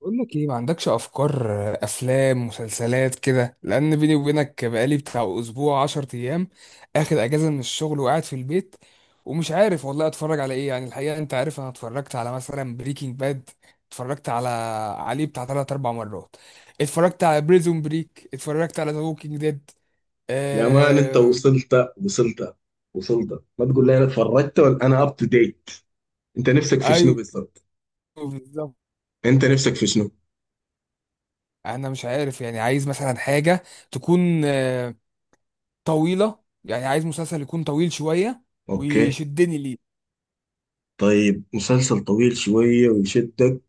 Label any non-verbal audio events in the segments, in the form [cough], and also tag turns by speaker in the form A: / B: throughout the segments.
A: بقول لك ايه؟ ما عندكش افكار، افلام مسلسلات كده؟ لان بيني وبينك بقالي بتاع اسبوع 10 ايام اخد اجازه من الشغل وقاعد في البيت ومش عارف والله اتفرج على ايه. يعني الحقيقه انت عارف انا اتفرجت على مثلا بريكنج باد، اتفرجت عليه بتاع 3 4 مرات، اتفرجت على بريزون بريك، اتفرجت على ذا ووكينج ديد.
B: يا مان انت
A: آه...
B: وصلت. ما تقول لي انا اتفرجت، ولا انا اب تو ديت؟ انت نفسك في شنو
A: ايوه،
B: بالضبط؟
A: بالظبط.
B: انت نفسك في شنو؟
A: انا مش عارف يعني، عايز مثلا حاجه تكون طويله، يعني عايز مسلسل يكون طويل شويه
B: اوكي.
A: ويشدني ليه.
B: طيب مسلسل طويل شويه ويشدك.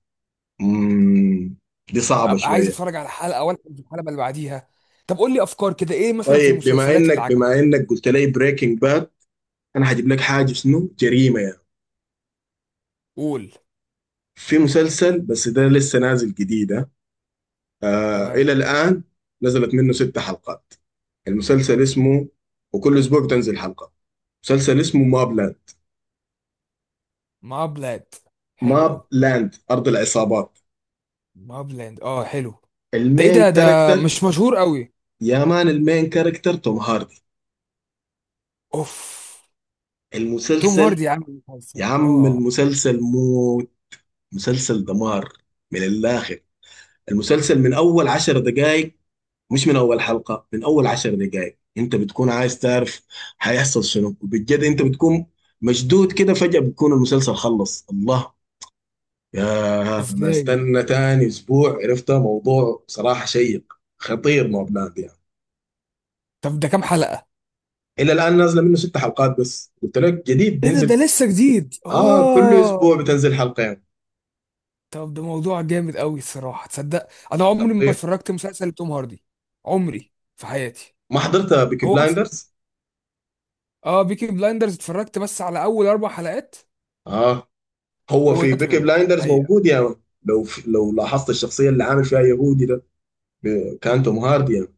B: امم دي
A: اه،
B: صعبه
A: ابقى عايز
B: شويه.
A: اتفرج على الحلقه ولا الحلقه اللي بعديها. طب قول لي افكار كده، ايه مثلا في
B: طيب بما
A: المسلسلات اللي
B: انك
A: عجبك؟
B: بما انك قلت لي بريكنج باد، انا هجيب لك حاجه شنو، جريمه يعني.
A: قول.
B: في مسلسل بس ده لسه نازل جديد ها. آه،
A: تمام.
B: الى الان نزلت منه 6 حلقات. المسلسل اسمه، وكل اسبوع بتنزل حلقه. مسلسل اسمه ماب،
A: ما بلاد، حلو
B: ماب
A: قوي.
B: لاند أرض العصابات.
A: ما بلاند، اه حلو. ده ايه
B: المين
A: ده؟
B: كاركتر؟
A: مش مشهور قوي؟
B: يا مان، المين كاركتر توم هاردي.
A: اوف، توم
B: المسلسل،
A: هاردي عامل مسلسل؟
B: يا عم
A: اه،
B: المسلسل موت، مسلسل دمار، من الآخر. المسلسل من أول 10 دقايق، مش من أول حلقة، من أول 10 دقايق أنت بتكون عايز تعرف هيحصل شنو. وبجد أنت بتكون مشدود كده، فجأة بتكون المسلسل خلص. الله يا أنا،
A: ازاي؟
B: استنى تاني أسبوع. عرفت، موضوع صراحة شيق، خطير، ماب لاند يعني.
A: طب ده كام حلقه؟
B: الى الان نازله منه 6 حلقات بس، قلت لك جديد
A: ايه ده؟
B: بينزل.
A: لسه جديد
B: اه، كل
A: اه؟
B: اسبوع بتنزل حلقه يعني.
A: طب ده موضوع جامد قوي الصراحه. تصدق انا عمري ما
B: خطير.
A: اتفرجت مسلسل توم هاردي عمري في حياتي؟
B: ما حضرت بيكي
A: هو اصلا،
B: بلايندرز؟
A: اه بيكي بلايندرز اتفرجت بس على اول 4 حلقات
B: اه، هو في
A: واتقت
B: بيكي
A: منه
B: بلايندرز
A: حقيقة.
B: موجود يعني. لو لاحظت الشخصيه اللي عامل فيها يهودي ده، كان توم هاردي يعني.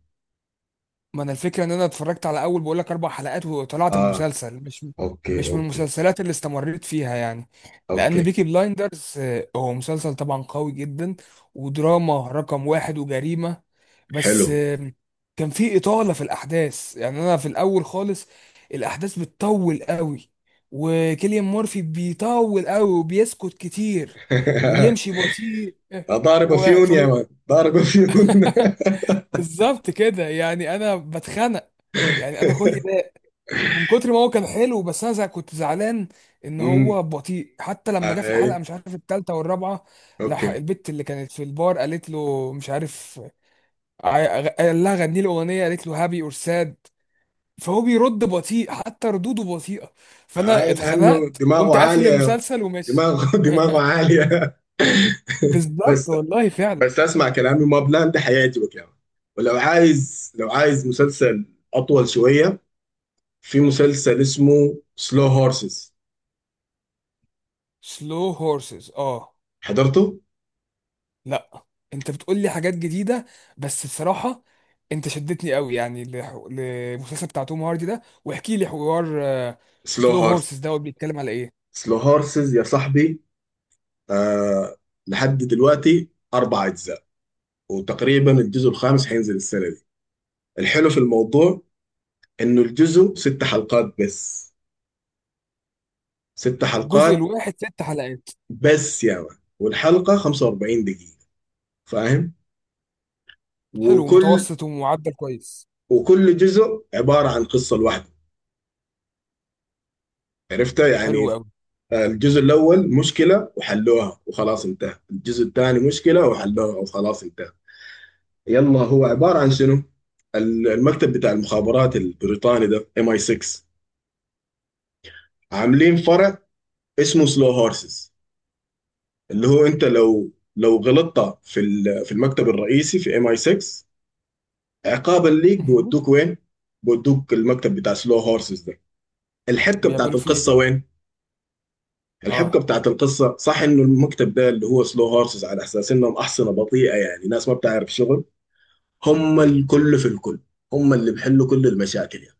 A: ما انا الفكره ان انا اتفرجت على اول، بقول لك، 4 حلقات وطلعت من
B: اه،
A: المسلسل، مش
B: اوكي،
A: مش من
B: اوكي،
A: المسلسلات اللي استمريت فيها يعني. لان
B: اوكي.
A: بيكي بلايندرز هو مسلسل طبعا قوي جدا ودراما رقم واحد وجريمه، بس
B: حلو.
A: كان في اطاله في الاحداث. يعني انا في الاول خالص الاحداث بتطول قوي، وكيليان مورفي بيطول قوي وبيسكت كتير وبيمشي
B: [laughs]
A: بطيء
B: ضارب
A: [laughs]
B: فيون يا مان، ضارب فيون. [laughs]
A: بالظبط كده. يعني انا بتخنق، يعني انا خلقي، من كتر ما هو كان حلو بس انا كنت زعلان ان
B: امم
A: هو بطيء. حتى لما جه في
B: اي،
A: الحلقه مش عارف الثالثه والرابعه،
B: اوكي.
A: البت اللي كانت في البار قالت له مش عارف، قال لها غني له اغنيه، قالت له هابي اور ساد، فهو بيرد بطيء، حتى ردوده بطيئه، فانا
B: آه، لانه
A: اتخنقت
B: دماغه
A: قمت قافل
B: عاليه.
A: المسلسل وماشي.
B: دماغه، [laughs] دماغه
A: [laughs]
B: عاليه. [laughs]
A: بالظبط
B: بس.
A: والله فعلا.
B: بس اسمع كلامي، ما بلاند حيعجبك يعني. ولو عايز مسلسل اطول شويه، في مسلسل اسمه سلو هورسز.
A: سلو هورسز، اه
B: حضرته؟
A: لا. انت بتقول لي حاجات جديده، بس بصراحه انت شدتني قوي يعني للمسلسل بتاع توم هاردي ده، واحكي لي حوار.
B: سلو
A: سلو هورسز
B: هورسز،
A: دوت، بيتكلم على ايه؟
B: سلو هورسز يا صاحبي. آه، لحد دلوقتي 4 اجزاء، وتقريبا الجزء الخامس هينزل السنه دي. الحلو في الموضوع انه الجزء 6 حلقات بس، ست
A: الجزء
B: حلقات
A: الواحد 6 حلقات؟
B: بس يا مان، والحلقه 45 دقيقه. فاهم؟
A: حلو،
B: وكل
A: متوسط ومعدل كويس.
B: وكل جزء عباره عن قصه لوحده، عرفتها
A: حلو
B: يعني.
A: قوي.
B: الجزء الأول مشكلة وحلوها وخلاص انتهى، الجزء الثاني مشكلة وحلوها وخلاص انتهى. يلا هو عبارة عن شنو؟ المكتب بتاع المخابرات البريطاني ده ام اي 6، عاملين فرع اسمه سلو هورسز، اللي هو انت لو غلطت في في المكتب الرئيسي في ام اي 6، عقابا ليك
A: مهم.
B: بودوك وين. بودوك المكتب بتاع سلو هورسز ده. الحبكة بتاعت
A: بيعملوا فيه ايه
B: القصة
A: بقى؟
B: وين؟ الحبكه
A: اه،
B: بتاعت القصه صح انه المكتب ده اللي هو سلو هورسز، على اساس انهم احصنه بطيئه، يعني ناس ما بتعرف شغل. هم الكل في الكل، هم اللي بيحلوا كل المشاكل يعني.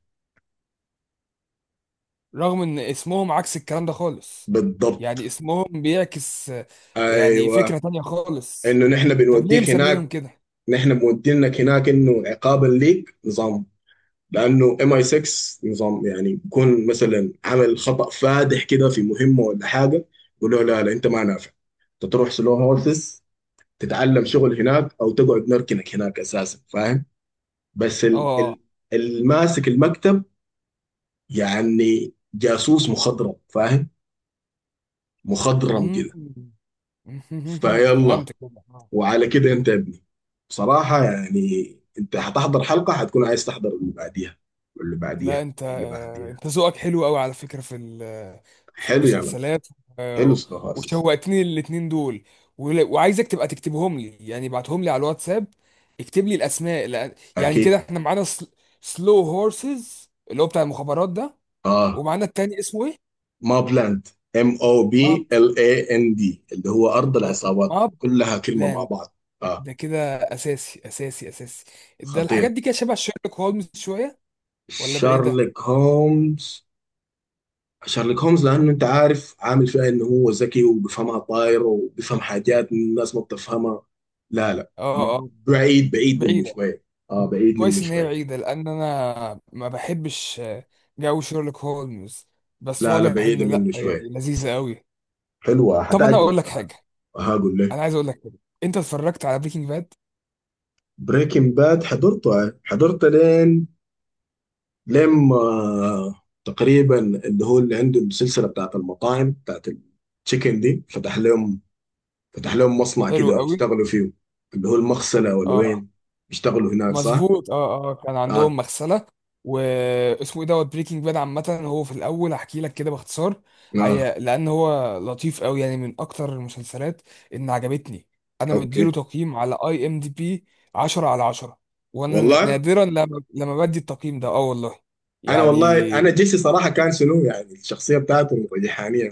A: رغم ان اسمهم عكس الكلام ده خالص، يعني
B: بالضبط،
A: اسمهم بيعكس يعني فكره
B: ايوه.
A: تانية خالص.
B: انه نحن
A: طب ليه
B: بنوديك
A: مسمينهم
B: هناك،
A: كده؟
B: نحن مودينك هناك، انه عقابا ليك نظام. لانه ام اي 6 نظام يعني، بيكون مثلا عمل خطا فادح كده في مهمه ولا حاجه، يقولوا لا لا انت ما نافع، انت تروح سلو هورسز، تتعلم شغل هناك او تقعد نركنك هناك اساسا، فاهم. بس ال
A: اه.
B: الماسك المكتب، يعني جاسوس مخضرم، فاهم. مخضرم كده.
A: مم. [laughs]
B: فيلا.
A: فهمت كده آه.
B: وعلى كده انت يا ابني بصراحة، يعني انت هتحضر حلقة هتكون عايز تحضر اللي بعديها واللي
A: لا
B: بعديها
A: انت
B: واللي بعديها.
A: انت ذوقك حلو قوي على فكرة في في
B: حلو يا مان،
A: المسلسلات،
B: حلو
A: آه،
B: سنوهاسس.
A: وشوقتني الاتنين دول، وعايزك تبقى تكتبهم لي، يعني ابعتهم لي على الواتساب. اكتب لي الاسماء، يعني كده
B: اكيد.
A: احنا معانا سلو هورسز اللي هو بتاع المخابرات ده،
B: اه،
A: ومعانا التاني اسمه ايه،
B: ما بلاند، ام او بي
A: ماب،
B: ال اي ان دي، اللي هو ارض
A: اه
B: العصابات
A: ماب
B: كلها كلمة مع
A: لاند.
B: بعض. اه.
A: ده كده اساسي اساسي اساسي. ده
B: خطير.
A: الحاجات دي كده شبه شيرلوك هولمز شوية ولا بعيدة؟
B: شارلوك هومز. شارلوك هومز لانه انت عارف عامل فيها انه هو ذكي وبيفهمها طاير وبيفهم حاجات الناس ما بتفهمها. لا لا،
A: اه اه،
B: بعيد، بعيد منه
A: بعيدة.
B: شويه. اه، بعيد منه
A: كويس ان هي
B: شويه.
A: بعيدة، لان انا ما بحبش جو شيرلوك هولمز، بس
B: لا لا،
A: واضح ان
B: بعيده
A: لا،
B: منه
A: يعني
B: شويه.
A: لذيذة قوي.
B: حلوه،
A: طب انا اقول
B: حتعجبك
A: لك
B: صراحه.
A: حاجة،
B: هقول لك.
A: انا عايز اقول لك حاجة، انت اتفرجت على بريكنج باد؟
B: بريكنج باد حضرته آه، حضرته لين لما آه، تقريبا اللي هو اللي عنده السلسله بتاعت المطاعم بتاعت التشيكن دي، فتح لهم، فتح لهم مصنع
A: حلو
B: كده
A: قوي.
B: يشتغلوا فيه، اللي هو المغسله ولا
A: اه،
B: وين. يشتغلوا هناك صح؟
A: مظبوط اه اه، كان عندهم
B: آه.
A: مغسله. واسمه ايه دوت بريكنج باد عامه. هو في الاول هحكي لك كده باختصار
B: اه.
A: هي، لان هو لطيف قوي يعني، من اكتر المسلسلات ان عجبتني. انا مديله
B: اوكي.
A: تقييم على اي ام دي بي 10 على 10. وانا
B: والله.
A: نادرا لما بدي التقييم ده، اه والله
B: انا والله انا
A: يعني.
B: جيسي صراحه كان شنو يعني، الشخصيه بتاعته الريحانيه.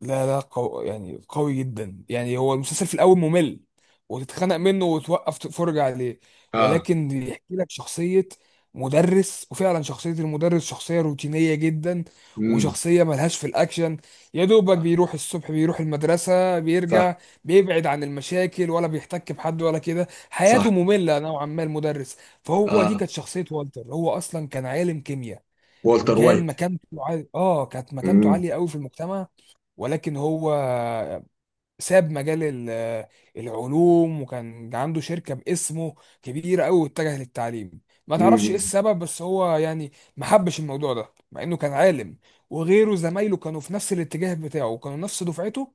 A: لا لا يعني قوي جدا يعني، هو المسلسل في الاول ممل وتتخنق منه وتوقف تتفرج عليه،
B: اه.
A: ولكن بيحكي لك شخصية مدرس، وفعلا شخصية المدرس شخصية روتينية جدا،
B: امم
A: وشخصية ملهاش في الأكشن. يا دوبك
B: صح،
A: بيروح الصبح، بيروح المدرسة، بيرجع،
B: صح،
A: بيبعد عن المشاكل، ولا بيحتك بحد ولا كده، حياته
B: صح.
A: مملة نوعا ما المدرس. فهو دي
B: اه،
A: كانت شخصية والتر. هو أصلا كان عالم كيمياء،
B: والتر
A: وكان
B: وايت.
A: مكانته عالية، اه كانت مكانته
B: امم
A: عالية قوي في المجتمع، ولكن هو ساب مجال العلوم، وكان عنده شركة باسمه كبيرة قوي، واتجه للتعليم. ما تعرفش ايه
B: امم
A: السبب، بس هو يعني ما حبش الموضوع ده، مع انه كان عالم، وغيره زمايله كانوا في نفس الاتجاه بتاعه، وكانوا نفس دفعته،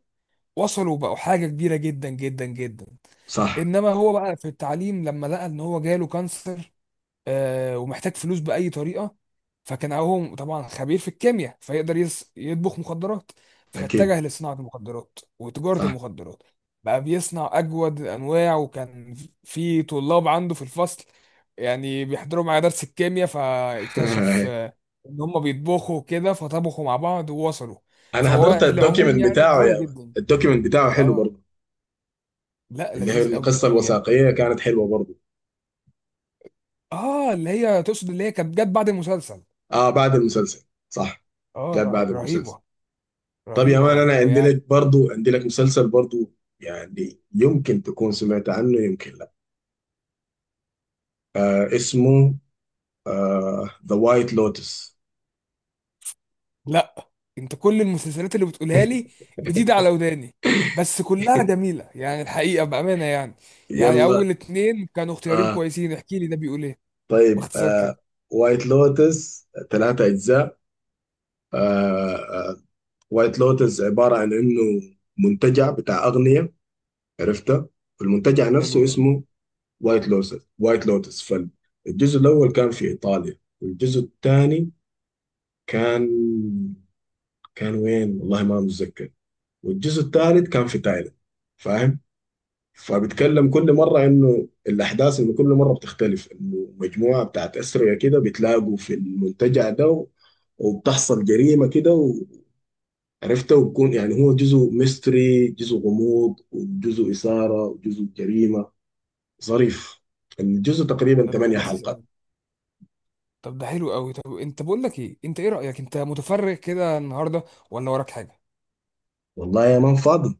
A: وصلوا بقوا حاجة كبيرة جدا جدا جدا.
B: صح.
A: انما هو بقى في التعليم، لما لقى ان هو جاله كانسر ومحتاج فلوس بأي طريقة، فكان هو طبعا خبير في الكيمياء، فيقدر يطبخ مخدرات،
B: اكيد.
A: فاتجه لصناعة المخدرات وتجارة
B: صح.
A: المخدرات. بقى بيصنع أجود الأنواع، وكان في طلاب عنده في الفصل، يعني بيحضروا معاه درس الكيمياء، فاكتشف
B: [laughs]
A: إن هم بيطبخوا كده، فطبخوا مع بعض ووصلوا.
B: انا
A: فهو
B: حضرت
A: العموم
B: الدوكيمنت
A: يعني
B: بتاعه
A: قوي
B: يا مان.
A: جدا.
B: الدوكيمنت بتاعه حلو
A: اه
B: برضه.
A: لا
B: اللي هي
A: لذيذ قوي
B: القصه
A: قوي يعني.
B: الوثائقيه كانت حلوه برضه.
A: اه، اللي هي تقصد اللي هي كانت جت بعد المسلسل.
B: اه، بعد المسلسل صح.
A: اه،
B: جات بعد المسلسل.
A: رهيبة،
B: طب يا
A: رهيبة
B: مان انا
A: رهيبة
B: عندي
A: يعني.
B: لك برضه، عندي لك مسلسل برضه، يعني يمكن تكون سمعت عنه يمكن لا. آه، اسمه آه، ذا وايت لوتس.
A: لا، انت كل المسلسلات اللي بتقولها لي جديدة على وداني، بس كلها جميلة يعني الحقيقة بأمانة يعني. يعني
B: يلا.
A: أول اتنين كانوا اختيارين
B: آه،
A: كويسين. احكي لي ده بيقول ايه،
B: طيب،
A: باختصار
B: آه،
A: كده.
B: وايت لوتس 3 أجزاء. آه، وايت لوتس عبارة عن إنه منتجع بتاع أغنية، عرفته. والمنتجع
A: حلو
B: نفسه
A: أوي.
B: اسمه وايت لوتس. وايت لوتس، فالجزء الأول كان في إيطاليا، والجزء الثاني كان، كان وين والله ما متذكر، والجزء الثالث كان في تايلاند. فاهم. فبتكلم كل
A: مم.
B: مرة إنه الأحداث إنه كل مرة بتختلف، إنه مجموعة بتاعت أسرية كده بتلاقوا في المنتجع ده و-، وبتحصل جريمة كده و-، عرفتها، وبكون يعني هو جزء ميستري جزء غموض وجزء إثارة وجزء جريمة. ظريف. الجزء تقريبا
A: طب ده
B: ثمانية
A: لذيذ
B: حلقات
A: أوي. طب ده حلو أوي. طب انت بقول لك ايه، انت ايه رأيك، انت متفرغ كده النهاردة ولا وراك حاجة؟
B: والله يا مان فاضي،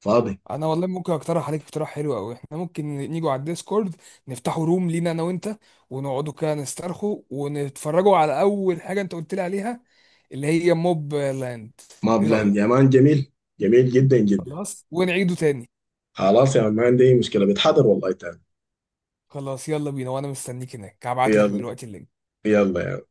B: فاضي.
A: انا والله ممكن اقترح عليك اقتراح حلو قوي. احنا ممكن نيجوا على الديسكورد، نفتحوا روم لينا انا وانت، ونقعدوا كده نسترخوا ونتفرجوا على اول حاجه انت قلت لي عليها، اللي هي موب لاند.
B: ما
A: ايه
B: بلان يا
A: رايك؟
B: مان، جميل. جميل جدا جدا.
A: خلاص ونعيده تاني.
B: خلاص يا مان، ما عندي أي مشكلة، بتحضر والله تاني.
A: خلاص يلا بينا، وانا مستنيك هناك، هبعت لك
B: يلا،
A: دلوقتي اللينك.
B: يلا.